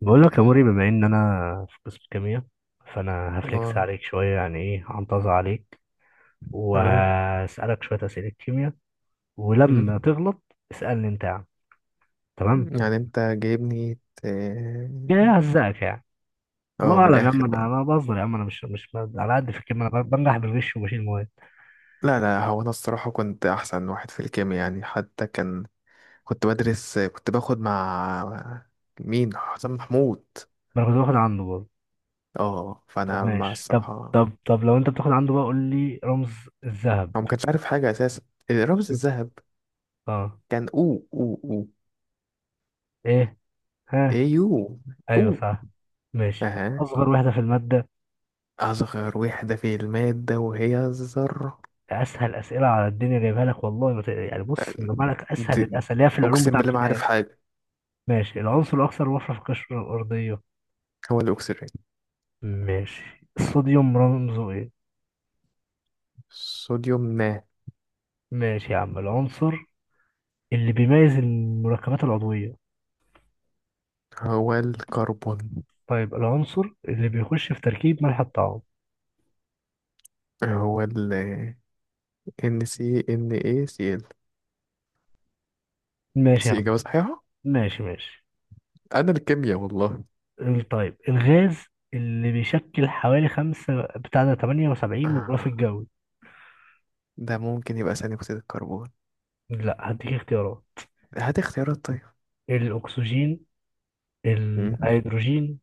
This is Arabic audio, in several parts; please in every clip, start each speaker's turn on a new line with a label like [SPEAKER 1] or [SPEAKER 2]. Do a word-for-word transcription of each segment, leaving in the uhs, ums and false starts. [SPEAKER 1] بقول لك يا موري، بما ان انا في قسم كيمياء فانا هفلكس
[SPEAKER 2] اه.
[SPEAKER 1] عليك شويه، يعني ايه هنتظر عليك
[SPEAKER 2] تمام.
[SPEAKER 1] وهسالك شويه اسئله كيمياء.
[SPEAKER 2] مم.
[SPEAKER 1] ولما تغلط اسالني انت يا عم. تمام.
[SPEAKER 2] يعني انت جايبني ت-
[SPEAKER 1] يعني ههزقك يعني. الله
[SPEAKER 2] اه، من
[SPEAKER 1] اعلم يا عم،
[SPEAKER 2] الاخر
[SPEAKER 1] انا
[SPEAKER 2] بقى.
[SPEAKER 1] انا بهزر يا عم، انا مش مش على قد في الكيمياء، انا بنجح بالغش وبشيل مواد.
[SPEAKER 2] لا، لا، هو انا الصراحة كنت احسن واحد في الكيمياء، يعني حتى كان كنت بدرس، كنت باخد مع مين، حسام محمود.
[SPEAKER 1] ما انا كنت باخد عنده برضه.
[SPEAKER 2] اه،
[SPEAKER 1] طب
[SPEAKER 2] فانا مع
[SPEAKER 1] ماشي، طب
[SPEAKER 2] الصراحة.
[SPEAKER 1] طب طب لو انت بتاخد عنده بقى قول لي رمز الذهب.
[SPEAKER 2] هو ما كانش عارف حاجة اساسا، الرمز الذهب.
[SPEAKER 1] اه.
[SPEAKER 2] كان او او او.
[SPEAKER 1] ايه. ها.
[SPEAKER 2] ايو.
[SPEAKER 1] ايوه
[SPEAKER 2] او.
[SPEAKER 1] صح. ماشي طب،
[SPEAKER 2] اها.
[SPEAKER 1] اصغر وحده في الماده؟
[SPEAKER 2] اصغر وحدة في المادة وهي الذرة.
[SPEAKER 1] اسهل اسئله على الدنيا جايبها لك والله، ما ت- يعني بص
[SPEAKER 2] أه،
[SPEAKER 1] جايبها لك اسهل
[SPEAKER 2] د-
[SPEAKER 1] الاسئله اللي هي في العلوم
[SPEAKER 2] اقسم
[SPEAKER 1] بتاع
[SPEAKER 2] بالله ما عارف
[SPEAKER 1] ابتدائي.
[SPEAKER 2] حاجة.
[SPEAKER 1] ماشي، العنصر الاكثر وفره في القشره الارضيه؟
[SPEAKER 2] هو الاكسجين.
[SPEAKER 1] ماشي. الصوديوم رمزه ايه؟
[SPEAKER 2] صوديوم ما.
[SPEAKER 1] ماشي يا عم. العنصر اللي بيميز المركبات العضويه؟
[SPEAKER 2] هو الكربون.
[SPEAKER 1] طيب، العنصر اللي بيخش في تركيب ملح الطعام؟
[SPEAKER 2] هو ال NaCl.
[SPEAKER 1] ماشي
[SPEAKER 2] بس
[SPEAKER 1] يا عم.
[SPEAKER 2] إجابة صحيحة.
[SPEAKER 1] ماشي ماشي.
[SPEAKER 2] أنا الكيمياء والله.
[SPEAKER 1] ال- طيب، الغاز اللي بيشكل حوالي خمسة بتاع ده تمانية وسبعين من الغلاف
[SPEAKER 2] آه،
[SPEAKER 1] الجوي؟
[SPEAKER 2] ده ممكن يبقى ثاني أكسيد الكربون.
[SPEAKER 1] لا هديك اختيارات:
[SPEAKER 2] هات اختيارات طيب.
[SPEAKER 1] الأكسجين،
[SPEAKER 2] مم.
[SPEAKER 1] الهيدروجين،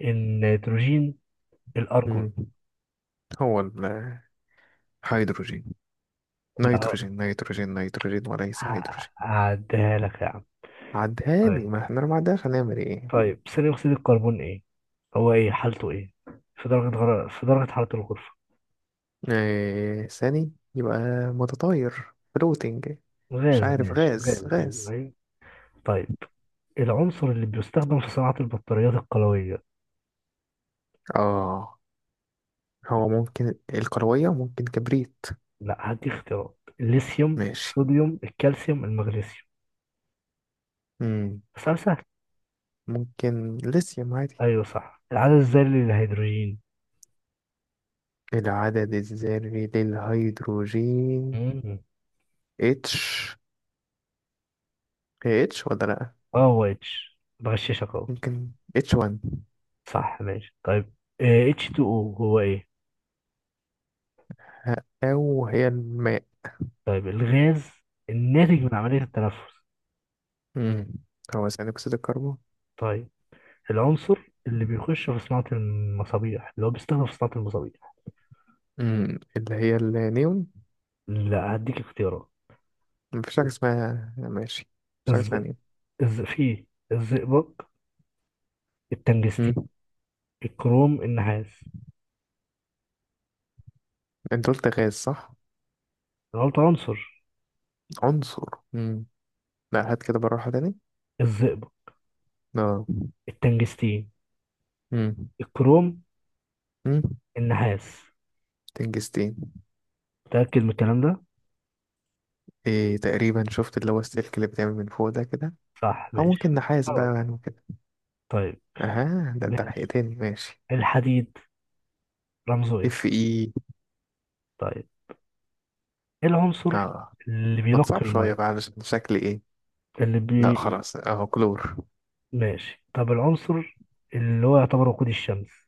[SPEAKER 1] النيتروجين، الأرجون.
[SPEAKER 2] مم. هو الهيدروجين.
[SPEAKER 1] لا،
[SPEAKER 2] نيتروجين، نيتروجين، نيتروجين، وليس هيدروجين.
[SPEAKER 1] ه- هعديها لك يا عم.
[SPEAKER 2] عدها لي،
[SPEAKER 1] طيب.
[SPEAKER 2] ما احنا لو ما عدهاش هنعمل ايه.
[SPEAKER 1] طيب، ثاني أكسيد الكربون إيه؟ هو إيه حالته إيه؟ في درجة غر... في درجة حرارة الغرفة؟
[SPEAKER 2] آه، ثاني يبقى متطاير، فلوتنج. مش
[SPEAKER 1] غاز،
[SPEAKER 2] عارف،
[SPEAKER 1] ماشي
[SPEAKER 2] غاز
[SPEAKER 1] غاز، أيوه
[SPEAKER 2] غاز.
[SPEAKER 1] أيوه. طيب، العنصر اللي بيستخدم في صناعة البطاريات القلوية؟
[SPEAKER 2] اه، هو ممكن الكروية ممكن كبريت.
[SPEAKER 1] لا هدي اختيارات: الليثيوم،
[SPEAKER 2] ماشي.
[SPEAKER 1] الصوديوم، الكالسيوم، المغنيسيوم.
[SPEAKER 2] مم.
[SPEAKER 1] سؤال سهل.
[SPEAKER 2] ممكن ليثيوم عادي.
[SPEAKER 1] أيوه صح. العدد الذري للهيدروجين؟
[SPEAKER 2] العدد الذري للهيدروجين.
[SPEAKER 1] مم.
[SPEAKER 2] اتش. هي اتش ولا لأ؟
[SPEAKER 1] اه هو اتش، بغششك اهو.
[SPEAKER 2] ممكن اتش واحد.
[SPEAKER 1] صح ماشي. طيب آه، اتش اتنين او هو ايه؟
[SPEAKER 2] أو هي الماء.
[SPEAKER 1] طيب، الغاز الناتج من عملية التنفس؟
[SPEAKER 2] مم. هو ثاني أكسيد الكربون.
[SPEAKER 1] طيب، العنصر اللي بيخش في صناعة المصابيح، اللي هو بيستخدم في صناعة المصابيح؟
[SPEAKER 2] مم. اللي هي النيون.
[SPEAKER 1] لا هديك اختيارات:
[SPEAKER 2] مفيش حاجة اسمها ماشي، مفيش حاجة
[SPEAKER 1] الز...
[SPEAKER 2] اسمها نيون.
[SPEAKER 1] الز... في الزئبق، التنجستين،
[SPEAKER 2] مم.
[SPEAKER 1] الكروم، النحاس.
[SPEAKER 2] انت قلت غاز صح؟
[SPEAKER 1] غلط، عنصر.
[SPEAKER 2] عنصر. مم. لا، هات كده بالراحة تاني.
[SPEAKER 1] الزئبق،
[SPEAKER 2] اه.
[SPEAKER 1] التنجستين،
[SPEAKER 2] مم.
[SPEAKER 1] الكروم،
[SPEAKER 2] مم.
[SPEAKER 1] النحاس.
[SPEAKER 2] تنجستين.
[SPEAKER 1] متأكد من الكلام ده؟
[SPEAKER 2] إيه، تقريبا شفت اللي هو السلك اللي بيتعمل من فوق ده كده.
[SPEAKER 1] صح
[SPEAKER 2] او
[SPEAKER 1] ماشي.
[SPEAKER 2] ممكن نحاس
[SPEAKER 1] خلاص.
[SPEAKER 2] بقى، يعني وكده.
[SPEAKER 1] طيب.
[SPEAKER 2] اها، ده انت
[SPEAKER 1] ماشي.
[SPEAKER 2] لحقتني. ماشي.
[SPEAKER 1] الحديد رمزه ايه؟
[SPEAKER 2] اف اي.
[SPEAKER 1] طيب، ايه العنصر
[SPEAKER 2] اه.
[SPEAKER 1] اللي
[SPEAKER 2] ما
[SPEAKER 1] بينقي
[SPEAKER 2] تصعب شويه
[SPEAKER 1] المية؟
[SPEAKER 2] بقى علشان شكل ايه.
[SPEAKER 1] اللي
[SPEAKER 2] لا،
[SPEAKER 1] بي...
[SPEAKER 2] خلاص، اهو كلور.
[SPEAKER 1] ماشي. طب العنصر اللي هو يعتبر وقود الشمس؟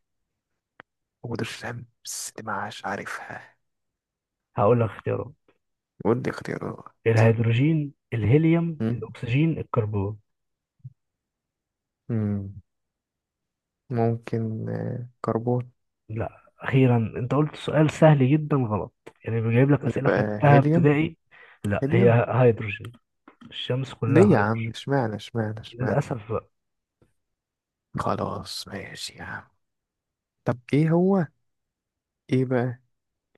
[SPEAKER 2] ودي الشمس دي معاش عارفها.
[SPEAKER 1] هقول لك اختيارات:
[SPEAKER 2] ودي اختيارات.
[SPEAKER 1] الهيدروجين، الهيليوم،
[SPEAKER 2] مم.
[SPEAKER 1] الاكسجين، الكربون.
[SPEAKER 2] مم. ممكن آه، كربون.
[SPEAKER 1] لا اخيرا انت قلت سؤال سهل جدا غلط. يعني بيجيب لك اسئله في
[SPEAKER 2] يبقى
[SPEAKER 1] منتهى
[SPEAKER 2] هيليوم.
[SPEAKER 1] ابتدائي. لا،
[SPEAKER 2] هيليوم.
[SPEAKER 1] هي هيدروجين، الشمس كلها
[SPEAKER 2] ليه يا عم
[SPEAKER 1] هيدروجين.
[SPEAKER 2] اشمعنى، اشمعنى، اشمعنى.
[SPEAKER 1] للاسف بقى.
[SPEAKER 2] خلاص ماشي يا عم. طب ايه هو ايه بقى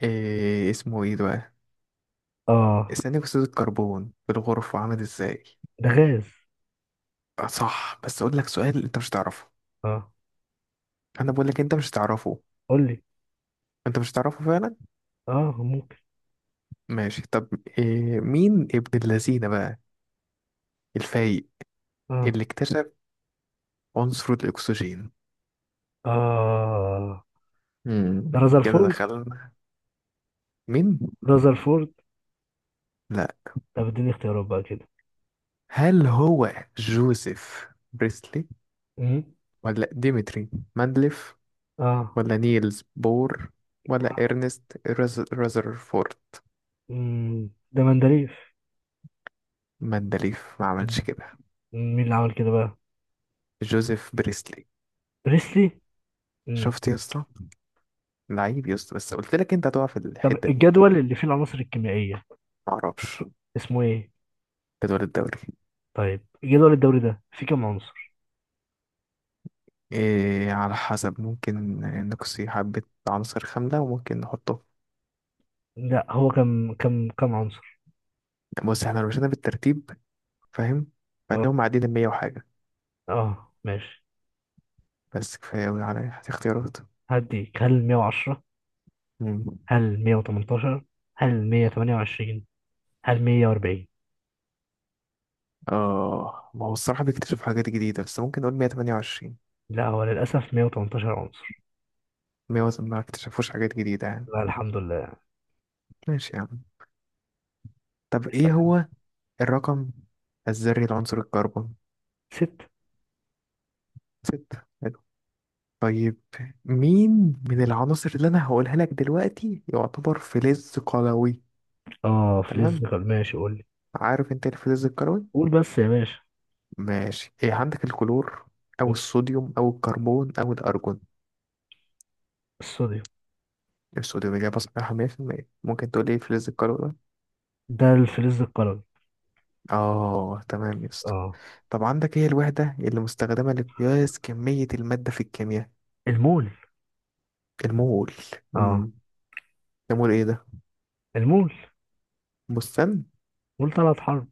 [SPEAKER 2] إيه اسمه ايه دلوقتي؟
[SPEAKER 1] اه.
[SPEAKER 2] ثاني أكسيد الكربون في الغرفة عامل إزاي؟
[SPEAKER 1] ده غاز.
[SPEAKER 2] آه، صح، بس أقول لك سؤال أنت مش هتعرفه.
[SPEAKER 1] اه.
[SPEAKER 2] أنا بقول لك أنت مش هتعرفه.
[SPEAKER 1] قول لي.
[SPEAKER 2] أنت مش هتعرفه فعلا؟
[SPEAKER 1] اه ممكن.
[SPEAKER 2] ماشي، طب. إيه، مين ابن اللذينة بقى الفايق
[SPEAKER 1] اه
[SPEAKER 2] اللي اكتشف عنصر الأكسجين؟
[SPEAKER 1] اه،
[SPEAKER 2] مم. كده
[SPEAKER 1] رازرفورد.
[SPEAKER 2] دخلنا. مين؟
[SPEAKER 1] رازرفورد.
[SPEAKER 2] لا.
[SPEAKER 1] طب اديني اختيارات بقى كده.
[SPEAKER 2] هل هو جوزيف بريسلي
[SPEAKER 1] مم.
[SPEAKER 2] ولا ديمتري مندليف
[SPEAKER 1] اه.
[SPEAKER 2] ولا نيلز بور ولا
[SPEAKER 1] آه.
[SPEAKER 2] إرنست راز- رذرفورد؟
[SPEAKER 1] مم. ده مندريف.
[SPEAKER 2] مندليف ما عملش كده.
[SPEAKER 1] مين اللي عمل كده بقى؟
[SPEAKER 2] جوزيف بريسلي.
[SPEAKER 1] بريسلي. امم.
[SPEAKER 2] شفت يا اسطى. لعيب يا اسطى، بس قلت لك انت هتقع في
[SPEAKER 1] طب
[SPEAKER 2] الحتة دي.
[SPEAKER 1] الجدول اللي فيه العناصر الكيميائية
[SPEAKER 2] معرفش.
[SPEAKER 1] اسمه ايه؟
[SPEAKER 2] جدول الدوري.
[SPEAKER 1] طيب، جدول الدوري ده فيه كام عنصر؟
[SPEAKER 2] إيه على حسب، ممكن نقصي حبة عناصر خاملة وممكن نحطه.
[SPEAKER 1] لا هو، كم كم كم عنصر؟
[SPEAKER 2] بص، احنا لو مشينا بالترتيب. فاهم. فعندهم
[SPEAKER 1] اه.
[SPEAKER 2] معدين المية وحاجة.
[SPEAKER 1] اه ماشي.
[SPEAKER 2] بس كفاية أوي على اختيارات.
[SPEAKER 1] هديك، هل مية وعشرة،
[SPEAKER 2] مم.
[SPEAKER 1] هل مية وتمنتاشر، هل مية وتمنية وعشرين، هل مية واربعين؟
[SPEAKER 2] اه، ما هو الصراحة بيكتشف حاجات جديدة، بس ممكن نقول مية وتمانية وعشرين.
[SPEAKER 1] لا هو للأسف مية وتمنتاشر عنصر.
[SPEAKER 2] مية ما اكتشفوش حاجات جديدة يعني.
[SPEAKER 1] لا الحمد لله يعني.
[SPEAKER 2] ماشي يا عم. طب
[SPEAKER 1] يا
[SPEAKER 2] ايه
[SPEAKER 1] سلام.
[SPEAKER 2] هو الرقم الذري لعنصر الكربون؟
[SPEAKER 1] ست.
[SPEAKER 2] ستة. طيب. مين من العناصر اللي انا هقولها لك دلوقتي يعتبر فلز قلوي؟
[SPEAKER 1] اه فلز
[SPEAKER 2] تمام.
[SPEAKER 1] قلم، ماشي قول لي.
[SPEAKER 2] عارف انت إيه الفلز القلوي؟
[SPEAKER 1] قول بس يا باشا.
[SPEAKER 2] ماشي، ايه عندك، الكلور او الصوديوم او الكربون او الارجون؟
[SPEAKER 1] الصوديوم.
[SPEAKER 2] الصوديوم اجابه صحيحه مية في المية، ممكن تقول ايه الفلز القلوي ده؟
[SPEAKER 1] ده الفلز القلوي.
[SPEAKER 2] اه، تمام يا اسطى.
[SPEAKER 1] اه.
[SPEAKER 2] طب عندك ايه الوحده اللي مستخدمه لقياس كميه الماده في الكيمياء؟
[SPEAKER 1] المول.
[SPEAKER 2] المول.
[SPEAKER 1] اه.
[SPEAKER 2] امم المول ايه ده؟
[SPEAKER 1] المول.
[SPEAKER 2] بستان.
[SPEAKER 1] قول ثلاث حرب.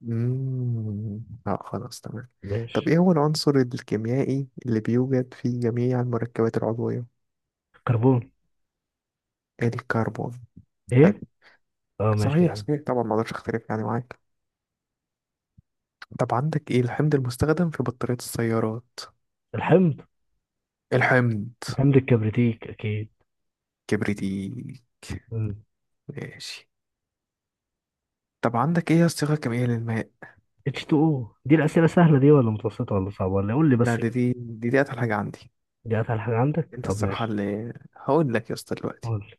[SPEAKER 2] مم. لا، خلاص، تمام. طب
[SPEAKER 1] ماشي.
[SPEAKER 2] ايه هو العنصر الكيميائي اللي بيوجد في جميع المركبات العضوية؟
[SPEAKER 1] كربون.
[SPEAKER 2] الكربون. حلو.
[SPEAKER 1] ايه. اه ماشي.
[SPEAKER 2] صحيح صحيح، طبعا ما اقدرش اختلف يعني معاك. طب عندك ايه الحمض المستخدم في بطارية السيارات؟
[SPEAKER 1] الحمض.
[SPEAKER 2] الحمض.
[SPEAKER 1] حمض الكبريتيك اكيد.
[SPEAKER 2] كبريتيك.
[SPEAKER 1] مم.
[SPEAKER 2] ماشي. طب عندك ايه الصيغة الكيميائية للماء؟
[SPEAKER 1] اتش تو او. دي الأسئلة سهلة دي ولا متوسطة ولا صعبة ولا إيه؟ قول لي
[SPEAKER 2] لا،
[SPEAKER 1] بس
[SPEAKER 2] دي
[SPEAKER 1] كده.
[SPEAKER 2] دي دي, دي اتقل حاجة عندي.
[SPEAKER 1] دي أسهل حاجة عندك؟
[SPEAKER 2] انت
[SPEAKER 1] طب
[SPEAKER 2] الصراحة
[SPEAKER 1] ماشي.
[SPEAKER 2] اللي هقول لك يا اسطى دلوقتي.
[SPEAKER 1] قول لي.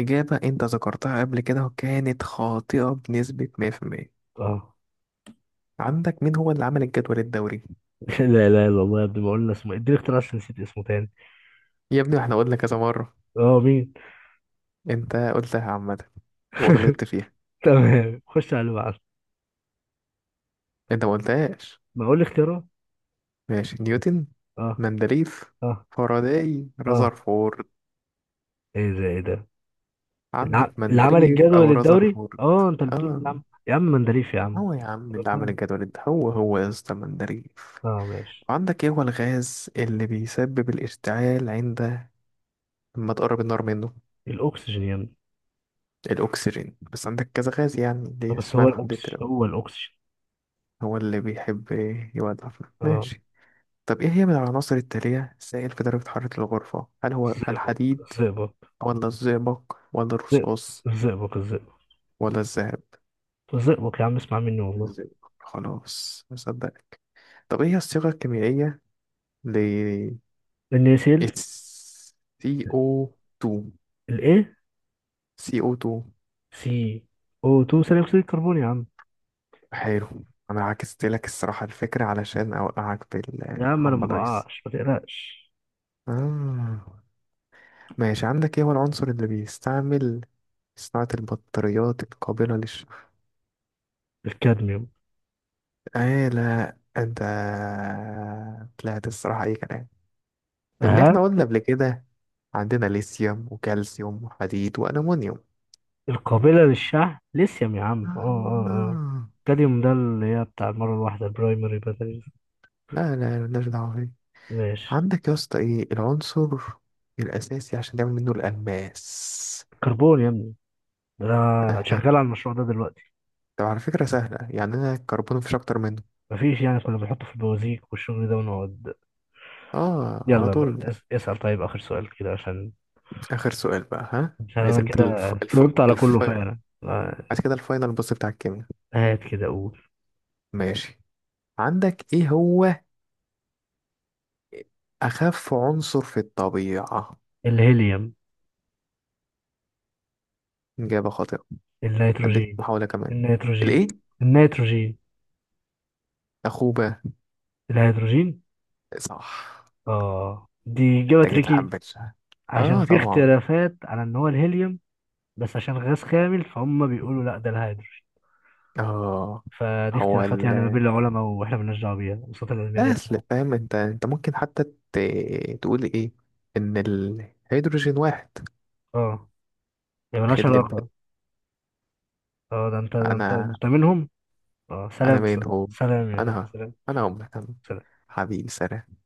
[SPEAKER 2] إجابة أنت ذكرتها قبل كده وكانت خاطئة بنسبة مية في المية.
[SPEAKER 1] اه.
[SPEAKER 2] عندك مين هو اللي عمل الجدول الدوري؟
[SPEAKER 1] لا لا لا والله يا ابني، ما قلنا اسمه إيه؟ اديني اختيار عشان نسيت اسمه تاني.
[SPEAKER 2] يا ابني احنا قلنا كذا مرة.
[SPEAKER 1] اه مين؟
[SPEAKER 2] انت قلتها عامة وغلطت فيها.
[SPEAKER 1] تمام، خش على اللي بعده.
[SPEAKER 2] انت ما قلتهاش.
[SPEAKER 1] ما اقول لي اختيارات.
[SPEAKER 2] ماشي، نيوتن،
[SPEAKER 1] اه.
[SPEAKER 2] مندليف،
[SPEAKER 1] اه.
[SPEAKER 2] فاراداي،
[SPEAKER 1] اه.
[SPEAKER 2] رذرفورد.
[SPEAKER 1] ايه ده، ايه ده؟
[SPEAKER 2] عندك
[SPEAKER 1] الع... العمل
[SPEAKER 2] مندليف
[SPEAKER 1] الجدول
[SPEAKER 2] او
[SPEAKER 1] الدوري،
[SPEAKER 2] رذرفورد؟
[SPEAKER 1] اه انت اللي بتقول
[SPEAKER 2] اه.
[SPEAKER 1] العمل يا عم، مندليف يا عم.
[SPEAKER 2] هو يا عم اللي عمل الجدول ده هو هو يا اسطى مندليف.
[SPEAKER 1] اه ماشي.
[SPEAKER 2] وعندك ايه هو الغاز اللي بيسبب الاشتعال عند لما تقرب النار منه؟
[SPEAKER 1] الاكسجين يا ابني.
[SPEAKER 2] الاكسجين، بس عندك كذا غاز يعني ليه
[SPEAKER 1] بس هو
[SPEAKER 2] اشمعنى حددت
[SPEAKER 1] الأوكسجين،
[SPEAKER 2] له؟
[SPEAKER 1] هو الأوكسجين.
[SPEAKER 2] هو اللي بيحب يولع فيه.
[SPEAKER 1] اه.
[SPEAKER 2] ماشي. طب إيه هي من العناصر التالية سائل في درجة حرارة الغرفة؟ هل هو
[SPEAKER 1] الزئبق،
[SPEAKER 2] الحديد
[SPEAKER 1] الزئبق.
[SPEAKER 2] ولا الزئبق ولا
[SPEAKER 1] زئ-
[SPEAKER 2] الرصاص
[SPEAKER 1] الزئبق، الزئبق.
[SPEAKER 2] ولا الذهب؟
[SPEAKER 1] الزئبق يا عم، اسمع مني والله.
[SPEAKER 2] ازاي. خلاص، مصدق. طب إيه هي الصيغة الكيميائية ل
[SPEAKER 1] النيسيل.
[SPEAKER 2] سي او اتنين.
[SPEAKER 1] الايه؟
[SPEAKER 2] سي او تو.
[SPEAKER 1] سي او اتنين، ثاني أكسيد الكربون يا عم.
[SPEAKER 2] حلو. أنا عكست لك الصراحة الفكرة علشان أوقعك في
[SPEAKER 1] يا عم أنا ما
[SPEAKER 2] الهامبلايز.
[SPEAKER 1] بقعش، ما تقلقش.
[SPEAKER 2] آه. ماشي، عندك إيه هو العنصر اللي بيستعمل في صناعة البطاريات القابلة؟
[SPEAKER 1] الكادميوم.
[SPEAKER 2] ايه، لا انت طلعت الصراحة اي كلام. لان
[SPEAKER 1] ها.
[SPEAKER 2] احنا قلنا قبل كده عندنا ليثيوم وكالسيوم وحديد والومنيوم.
[SPEAKER 1] القابلة للشحن ليثيوم يا عم، اه اه اه.
[SPEAKER 2] آه.
[SPEAKER 1] الكادميوم ده اللي هي بتاع المرة الواحدة، البرايمري باتريز.
[SPEAKER 2] لا، لا، مالناش دعوة بيه.
[SPEAKER 1] ماشي.
[SPEAKER 2] عندك يا اسطى ايه العنصر الاساسي عشان تعمل منه الالماس؟
[SPEAKER 1] كربون يا ابني، ده أنا
[SPEAKER 2] اها.
[SPEAKER 1] شغال على المشروع ده دلوقتي.
[SPEAKER 2] طب على فكرة سهلة يعني، انا الكربون مفيش اكتر منه.
[SPEAKER 1] مفيش يعني، كنا بنحطه في البوازيك والشغل ده ونقعد.
[SPEAKER 2] اه، على
[SPEAKER 1] يلا
[SPEAKER 2] طول.
[SPEAKER 1] يلا، اس- اسأل طيب آخر سؤال كده عشان.
[SPEAKER 2] اخر سؤال بقى، ها
[SPEAKER 1] عشان
[SPEAKER 2] عايز
[SPEAKER 1] أنا
[SPEAKER 2] انت
[SPEAKER 1] كده
[SPEAKER 2] الف... الف...
[SPEAKER 1] جاوبت على
[SPEAKER 2] الف...
[SPEAKER 1] كله فعلا آه،
[SPEAKER 2] عايز كده الفاينل، بص، بتاع الكيمياء.
[SPEAKER 1] هات كده أقول.
[SPEAKER 2] ماشي، عندك ايه هو أخف عنصر في الطبيعة؟
[SPEAKER 1] الهيليوم.
[SPEAKER 2] إجابة خاطئة. هديك
[SPEAKER 1] النيتروجين.
[SPEAKER 2] محاولة كمان.
[SPEAKER 1] النيتروجين.
[SPEAKER 2] الإيه؟
[SPEAKER 1] النيتروجين.
[SPEAKER 2] أخوبة.
[SPEAKER 1] الهيدروجين.
[SPEAKER 2] صح.
[SPEAKER 1] آه دي إجابة
[SPEAKER 2] محتاجة
[SPEAKER 1] تريكي،
[SPEAKER 2] حبة شهر.
[SPEAKER 1] عشان
[SPEAKER 2] آه،
[SPEAKER 1] في
[SPEAKER 2] طبعا.
[SPEAKER 1] اختلافات على إن هو الهيليوم، بس عشان غاز خامل فهم بيقولوا لا ده الهيدروجين.
[SPEAKER 2] آه،
[SPEAKER 1] فدي
[SPEAKER 2] هو
[SPEAKER 1] اختلافات
[SPEAKER 2] ال
[SPEAKER 1] يعني ما بين العلماء، وإحنا مالناش دعوة بيها، الوساطة العلمية دي
[SPEAKER 2] الأصل.
[SPEAKER 1] إحنا.
[SPEAKER 2] فاهم أنت أنت ممكن حتى ت... تقول إيه، إن الهيدروجين واحد.
[SPEAKER 1] آه. هي مالهاش
[SPEAKER 2] خد لي الباقي.
[SPEAKER 1] علاقة. آه ده أنت، ده أنت
[SPEAKER 2] أنا
[SPEAKER 1] أنت منهم. آه
[SPEAKER 2] أنا
[SPEAKER 1] سلام. س-
[SPEAKER 2] مين هو.
[SPEAKER 1] سلام يا
[SPEAKER 2] أنا
[SPEAKER 1] سلام.
[SPEAKER 2] أنا أمك أنا حبيبي سلام.